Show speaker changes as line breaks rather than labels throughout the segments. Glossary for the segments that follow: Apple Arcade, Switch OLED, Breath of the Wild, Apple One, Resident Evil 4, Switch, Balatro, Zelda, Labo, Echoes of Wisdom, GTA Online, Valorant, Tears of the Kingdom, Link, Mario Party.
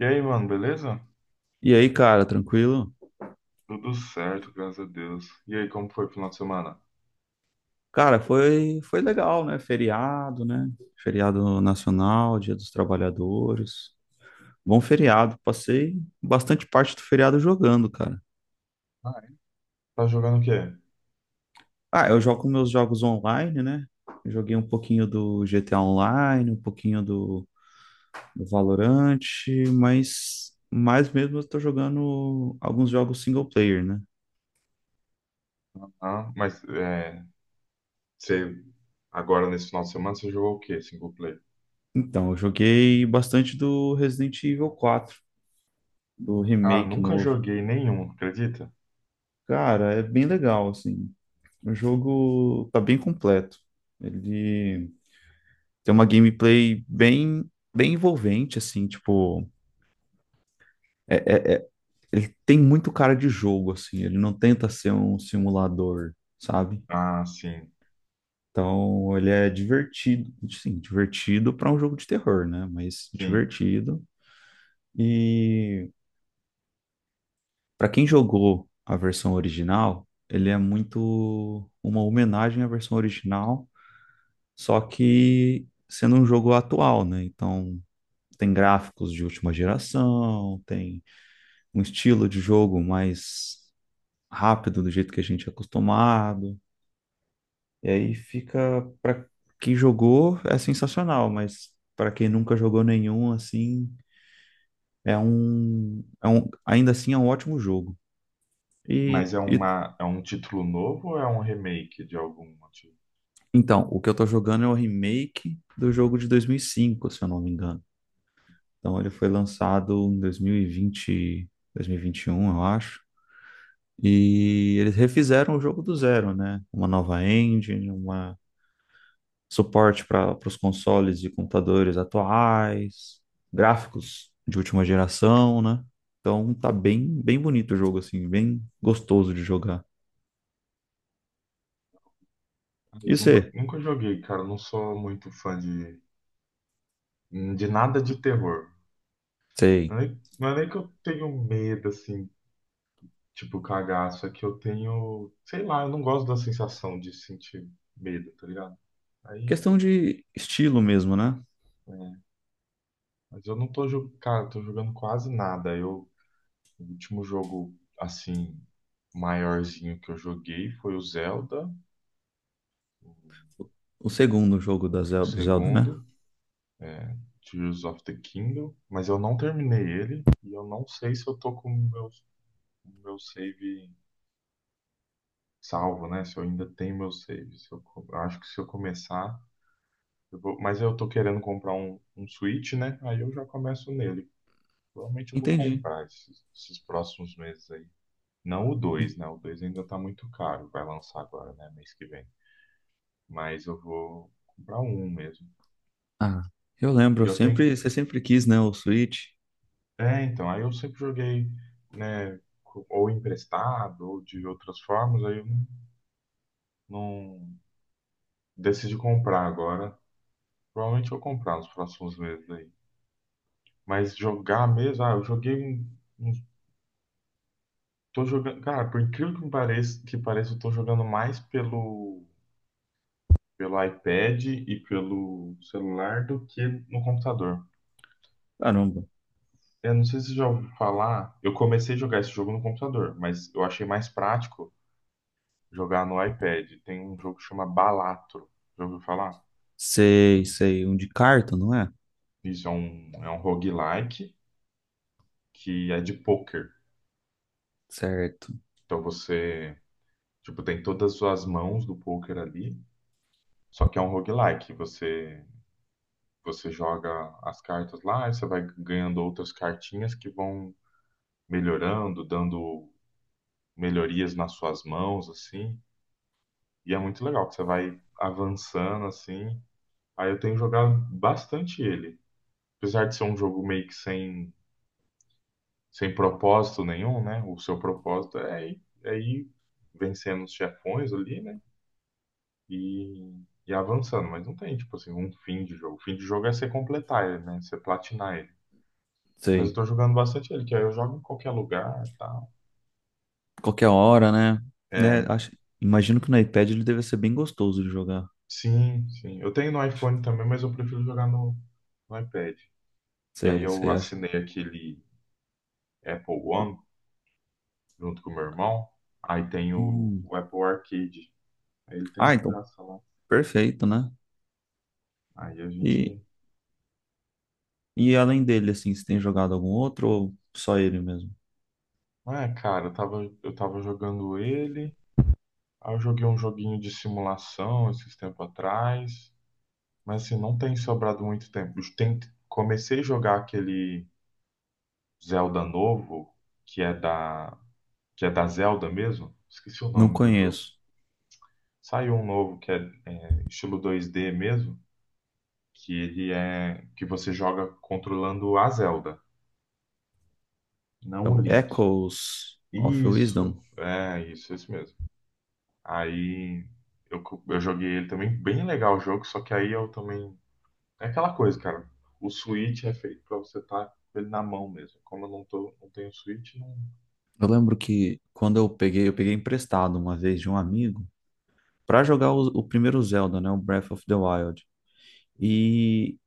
E aí, mano, beleza?
E aí, cara, tranquilo?
Tudo certo, graças a Deus. E aí, como foi o final de semana?
Cara, foi legal, né? Feriado, né? Feriado nacional, Dia dos Trabalhadores. Bom feriado. Passei bastante parte do feriado jogando, cara.
Ah, é. Tá jogando o quê?
Ah, eu jogo meus jogos online, né? Eu joguei um pouquinho do GTA Online, um pouquinho do Valorant, mas mais mesmo eu tô jogando alguns jogos single player, né?
Ah, mas é, você agora nesse final de semana você jogou o quê? Single player?
Então, eu joguei bastante do Resident Evil 4, do
Cara,
remake
nunca
novo.
joguei nenhum, acredita?
Cara, é bem legal, assim. O jogo tá bem completo. Ele tem uma gameplay bem, bem envolvente, assim, tipo, é- é- é- ele tem muito cara de jogo, assim, ele não tenta ser um simulador, sabe?
Ah, sim,
Então, ele é divertido, sim, divertido para um jogo de terror, né? Mas
sim.
divertido. E para quem jogou a versão original, ele é muito uma homenagem à versão original, só que sendo um jogo atual, né? Então, tem gráficos de última geração, tem um estilo de jogo mais rápido do jeito que a gente é acostumado. E aí fica para quem jogou é sensacional, mas para quem nunca jogou nenhum assim, ainda assim é um ótimo jogo. E,
Mas é
e
uma é um título novo ou é um remake de algum motivo?
então, o que eu tô jogando é o remake do jogo de 2005, se eu não me engano. Então ele foi lançado em 2020, 2021, eu acho. E eles refizeram o jogo do zero, né? Uma nova engine, uma suporte para os consoles e computadores atuais, gráficos de última geração, né? Então tá bem, bem bonito o jogo, assim, bem gostoso de jogar.
Ah, Eu
E
nunca,
você?
nunca joguei, cara. Eu não sou muito fã de nada de terror.
Sei.
Não é nem que eu tenho medo, assim. Tipo, cagaço é que eu tenho, sei lá, eu não gosto da sensação de sentir medo, tá ligado? Aí,
Questão de estilo mesmo, né?
é, mas eu não tô jogando, cara, eu tô jogando quase nada. O último jogo, assim, maiorzinho que eu joguei foi o Zelda, o,
O segundo jogo da
o
Zelda, do Zelda, né?
segundo, é, Tears of the Kingdom, mas eu não terminei ele e eu não sei se eu tô com o meu save salvo, né? Se eu ainda tenho meu save. Se eu, co- Eu acho que se eu começar. Mas eu tô querendo comprar um Switch, né? Aí eu já começo nele. Provavelmente eu vou
Entendi.
comprar esses próximos meses aí. Não o 2, né? O 2 ainda tá muito caro. Vai lançar agora, né? Mês que vem. Mas eu vou comprar um mesmo.
Ah, eu
E
lembro, eu
eu tenho.
sempre, você sempre quis, né, o Switch.
É, então. Aí eu sempre joguei, né? Ou emprestado, ou de outras formas. Aí eu não decidi comprar agora. Provavelmente eu vou comprar nos próximos meses aí. Mas jogar mesmo. Ah, eu joguei um. um Tô jogando, cara, por incrível que me pareça, eu tô jogando mais pelo iPad e pelo celular do que no computador.
Caramba.
Eu não sei se você já ouviu falar, eu comecei a jogar esse jogo no computador, mas eu achei mais prático jogar no iPad. Tem um jogo que chama Balatro, já ouviu falar?
Sei, sei, um de carta, não é?
Isso é um roguelike que é de poker.
Certo,
Então você, tipo, tem todas as suas mãos do poker ali, só que é um roguelike. Você joga as cartas lá e você vai ganhando outras cartinhas que vão melhorando, dando melhorias nas suas mãos, assim. E é muito legal que você vai avançando, assim. Aí eu tenho jogado bastante ele. Apesar de ser um jogo meio que sem propósito nenhum, né? O seu propósito é ir vencendo os chefões ali, né? E, e avançando. Mas não tem, tipo assim, um fim de jogo. O fim de jogo é você completar ele, né? Você platinar ele. Mas eu
sei.
tô jogando bastante ele, que aí eu jogo em qualquer lugar e tal.
qualquer hora, né? Né?
É,
Acho, imagino que no iPad ele deve ser bem gostoso de jogar.
sim, sim. Eu tenho no iPhone também, mas eu prefiro jogar no iPad. E aí
Sei,
eu
sei, acho.
assinei aquele Apple One junto com o meu irmão. Aí tem o,
Hum.
o Apple Arcade. Aí ele tem
Ah,
de
então,
graça lá.
perfeito, né?
Aí a
E,
gente.
e além dele, assim, você tem jogado algum outro ou só ele mesmo?
É, cara, eu tava jogando ele. Aí eu joguei um joguinho de simulação esses tempos atrás. Mas assim, não tem sobrado muito tempo. Comecei a jogar aquele Zelda novo, que é da, que é da Zelda mesmo. Esqueci o
Não
nome do jogo.
conheço.
Saiu um novo que é, estilo 2D mesmo, que ele é que você joga controlando a Zelda,
É
não o
o
Link.
Echoes of
Isso,
Wisdom.
é isso mesmo. Aí eu joguei ele também, bem legal o jogo, só que aí eu também. É aquela coisa, cara. O Switch é feito pra você estar com ele na mão mesmo. Como eu não tenho Switch, não.
Eu lembro que quando eu peguei emprestado uma vez de um amigo pra jogar o primeiro Zelda, né? O Breath of the Wild. E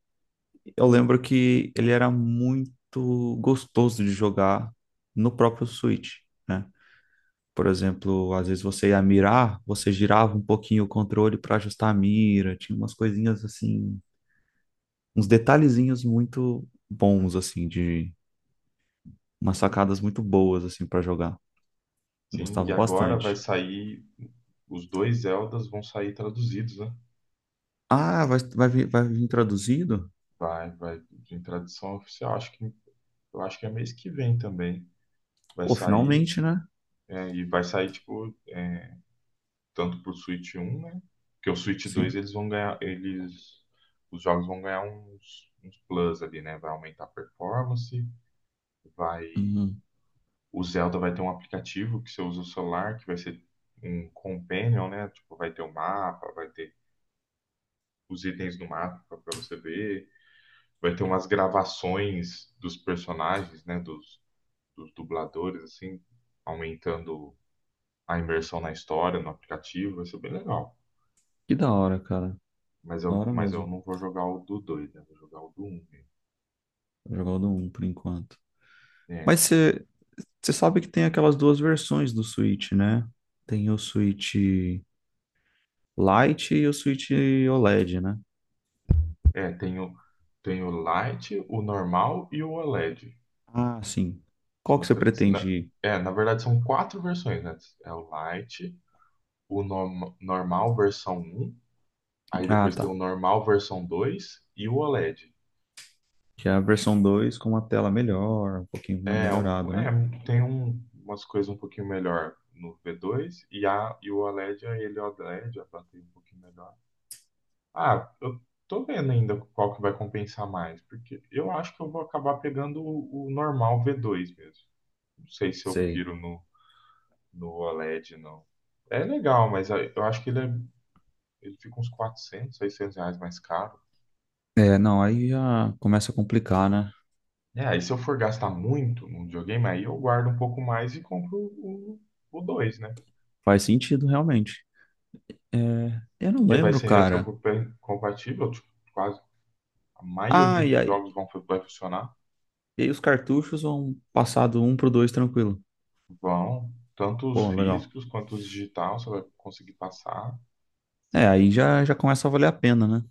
Eu lembro que ele era muito gostoso de jogar no próprio Switch, né? Por exemplo, às vezes você ia mirar, você girava um pouquinho o controle para ajustar a mira, tinha umas coisinhas assim, uns detalhezinhos muito bons assim de umas sacadas muito boas assim para jogar.
Sim, e
Gostava
agora vai
bastante.
sair, os dois Zeldas vão sair traduzidos, né?
Ah, vai vir traduzido?
Vai em tradução oficial, eu acho que é mês que vem também. Vai
Pô,
sair,
finalmente, né?
e vai sair, tipo, tanto pro Switch 1, né? Porque o Switch 2
Sim.
eles vão ganhar, os jogos vão ganhar uns plus ali, né? Vai aumentar a performance. vai,
Uhum.
o Zelda vai ter um aplicativo que você usa o celular, que vai ser um companion, né? Tipo, vai ter o mapa, vai ter os itens do mapa para você ver. Vai ter umas gravações dos personagens, né? Dos dubladores, assim, aumentando a imersão na história, no aplicativo. Vai ser bem legal.
Que da hora, cara.
Mas
Da
eu,
hora
mas eu
mesmo.
não vou jogar o do dois, né? Vou jogar o do um,
Jogar o do um por enquanto.
né?
Mas você sabe que tem aquelas duas versões do Switch, né? Tem o Switch Lite e o Switch OLED, né?
É, é, tem o, tem o Lite, o normal e o OLED.
Ah, sim. Qual
São
que você
três.
pretende?
Na verdade são quatro versões, né? É o Lite, o normal versão um, aí
Ah,
depois tem o
tá.
normal versão 2 e o OLED.
Que é a versão 2 com uma tela melhor, um pouquinho mais
É, um-
melhorado, né?
é, Tem umas coisas um pouquinho melhor no V2 e o OLED, ele é OLED, a bateria um pouquinho melhor. Ah, eu tô vendo ainda qual que vai compensar mais, porque eu acho que eu vou acabar pegando o normal V2 mesmo. Não sei se eu
Sei.
piro no OLED, não. É legal, mas aí eu acho que ele fica uns 400, 600 reais mais caro.
É, não, aí já começa a complicar, né?
É, aí se eu for gastar muito num videogame, aí eu guardo um pouco mais e compro o 2, né?
Faz sentido, realmente. É, eu não
Que vai
lembro,
ser
cara.
retrocompatível, tipo, quase a maioria
Ah,
dos jogos vão, vai funcionar,
e aí os cartuchos vão passar do 1 pro 2 tranquilo.
vão, tanto os
Pô, legal.
físicos quanto os digitais, você vai conseguir passar.
É, aí já começa a valer a pena, né?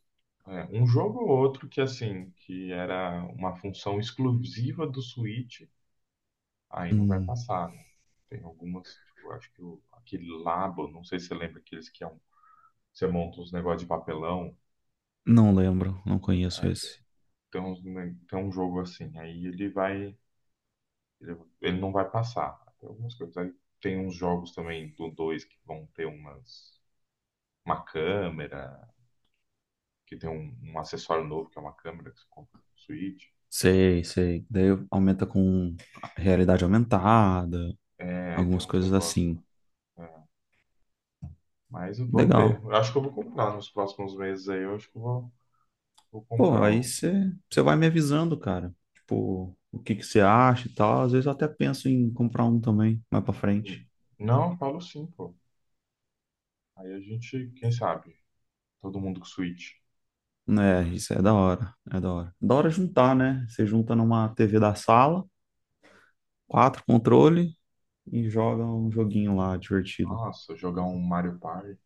É, um jogo ou outro que, assim, que era uma função exclusiva do Switch, aí não vai
Hum.
passar, né? Tem algumas, tipo, acho que o, aquele Labo, não sei se você lembra aqueles que é um, você monta uns negócios de papelão,
Não lembro, não conheço
é,
esse.
tem, tem um jogo assim, aí Ele, ele não vai passar. Tem algumas coisas. Aí tem uns jogos também do 2 que vão ter umas, uma câmera, que tem um acessório novo, que é uma câmera que você compra no Switch.
Sei, sei. Daí aumenta com realidade aumentada,
É, aí tem
algumas
uns
coisas
negócios
assim.
lá. É, mas vamos ver.
Legal.
Eu acho que eu vou comprar nos próximos meses aí. Eu acho que eu vou
Pô,
comprar
aí
o.
você vai me avisando, cara. Tipo, o que que você acha e tal. Às vezes eu até penso em comprar um também, mais pra
Hum.
frente.
Não, falo sim, pô. Aí a gente, quem sabe? Todo mundo com Switch.
Né, isso é da hora, é da hora. Da hora juntar, né? Você junta numa TV da sala, quatro controle e joga um joguinho lá divertido.
Nossa, jogar um Mario Party.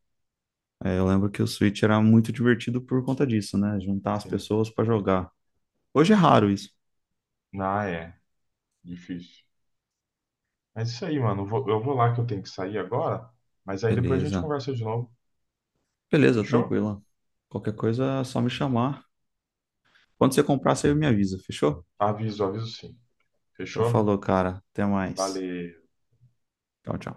É, eu lembro que o Switch era muito divertido por conta disso, né? Juntar as
Sim.
pessoas pra jogar. Hoje é raro isso.
Ah, é. Difícil. Mas isso aí, mano. Eu vou lá que eu tenho que sair agora, mas aí depois a gente
Beleza.
conversa de novo.
Beleza,
Fechou?
tranquilo. Qualquer coisa é só me chamar. Quando você comprar, você me avisa, fechou?
Aviso, aviso sim.
Então
Fechou?
falou, cara. Até mais.
Valeu.
Tchau, tchau.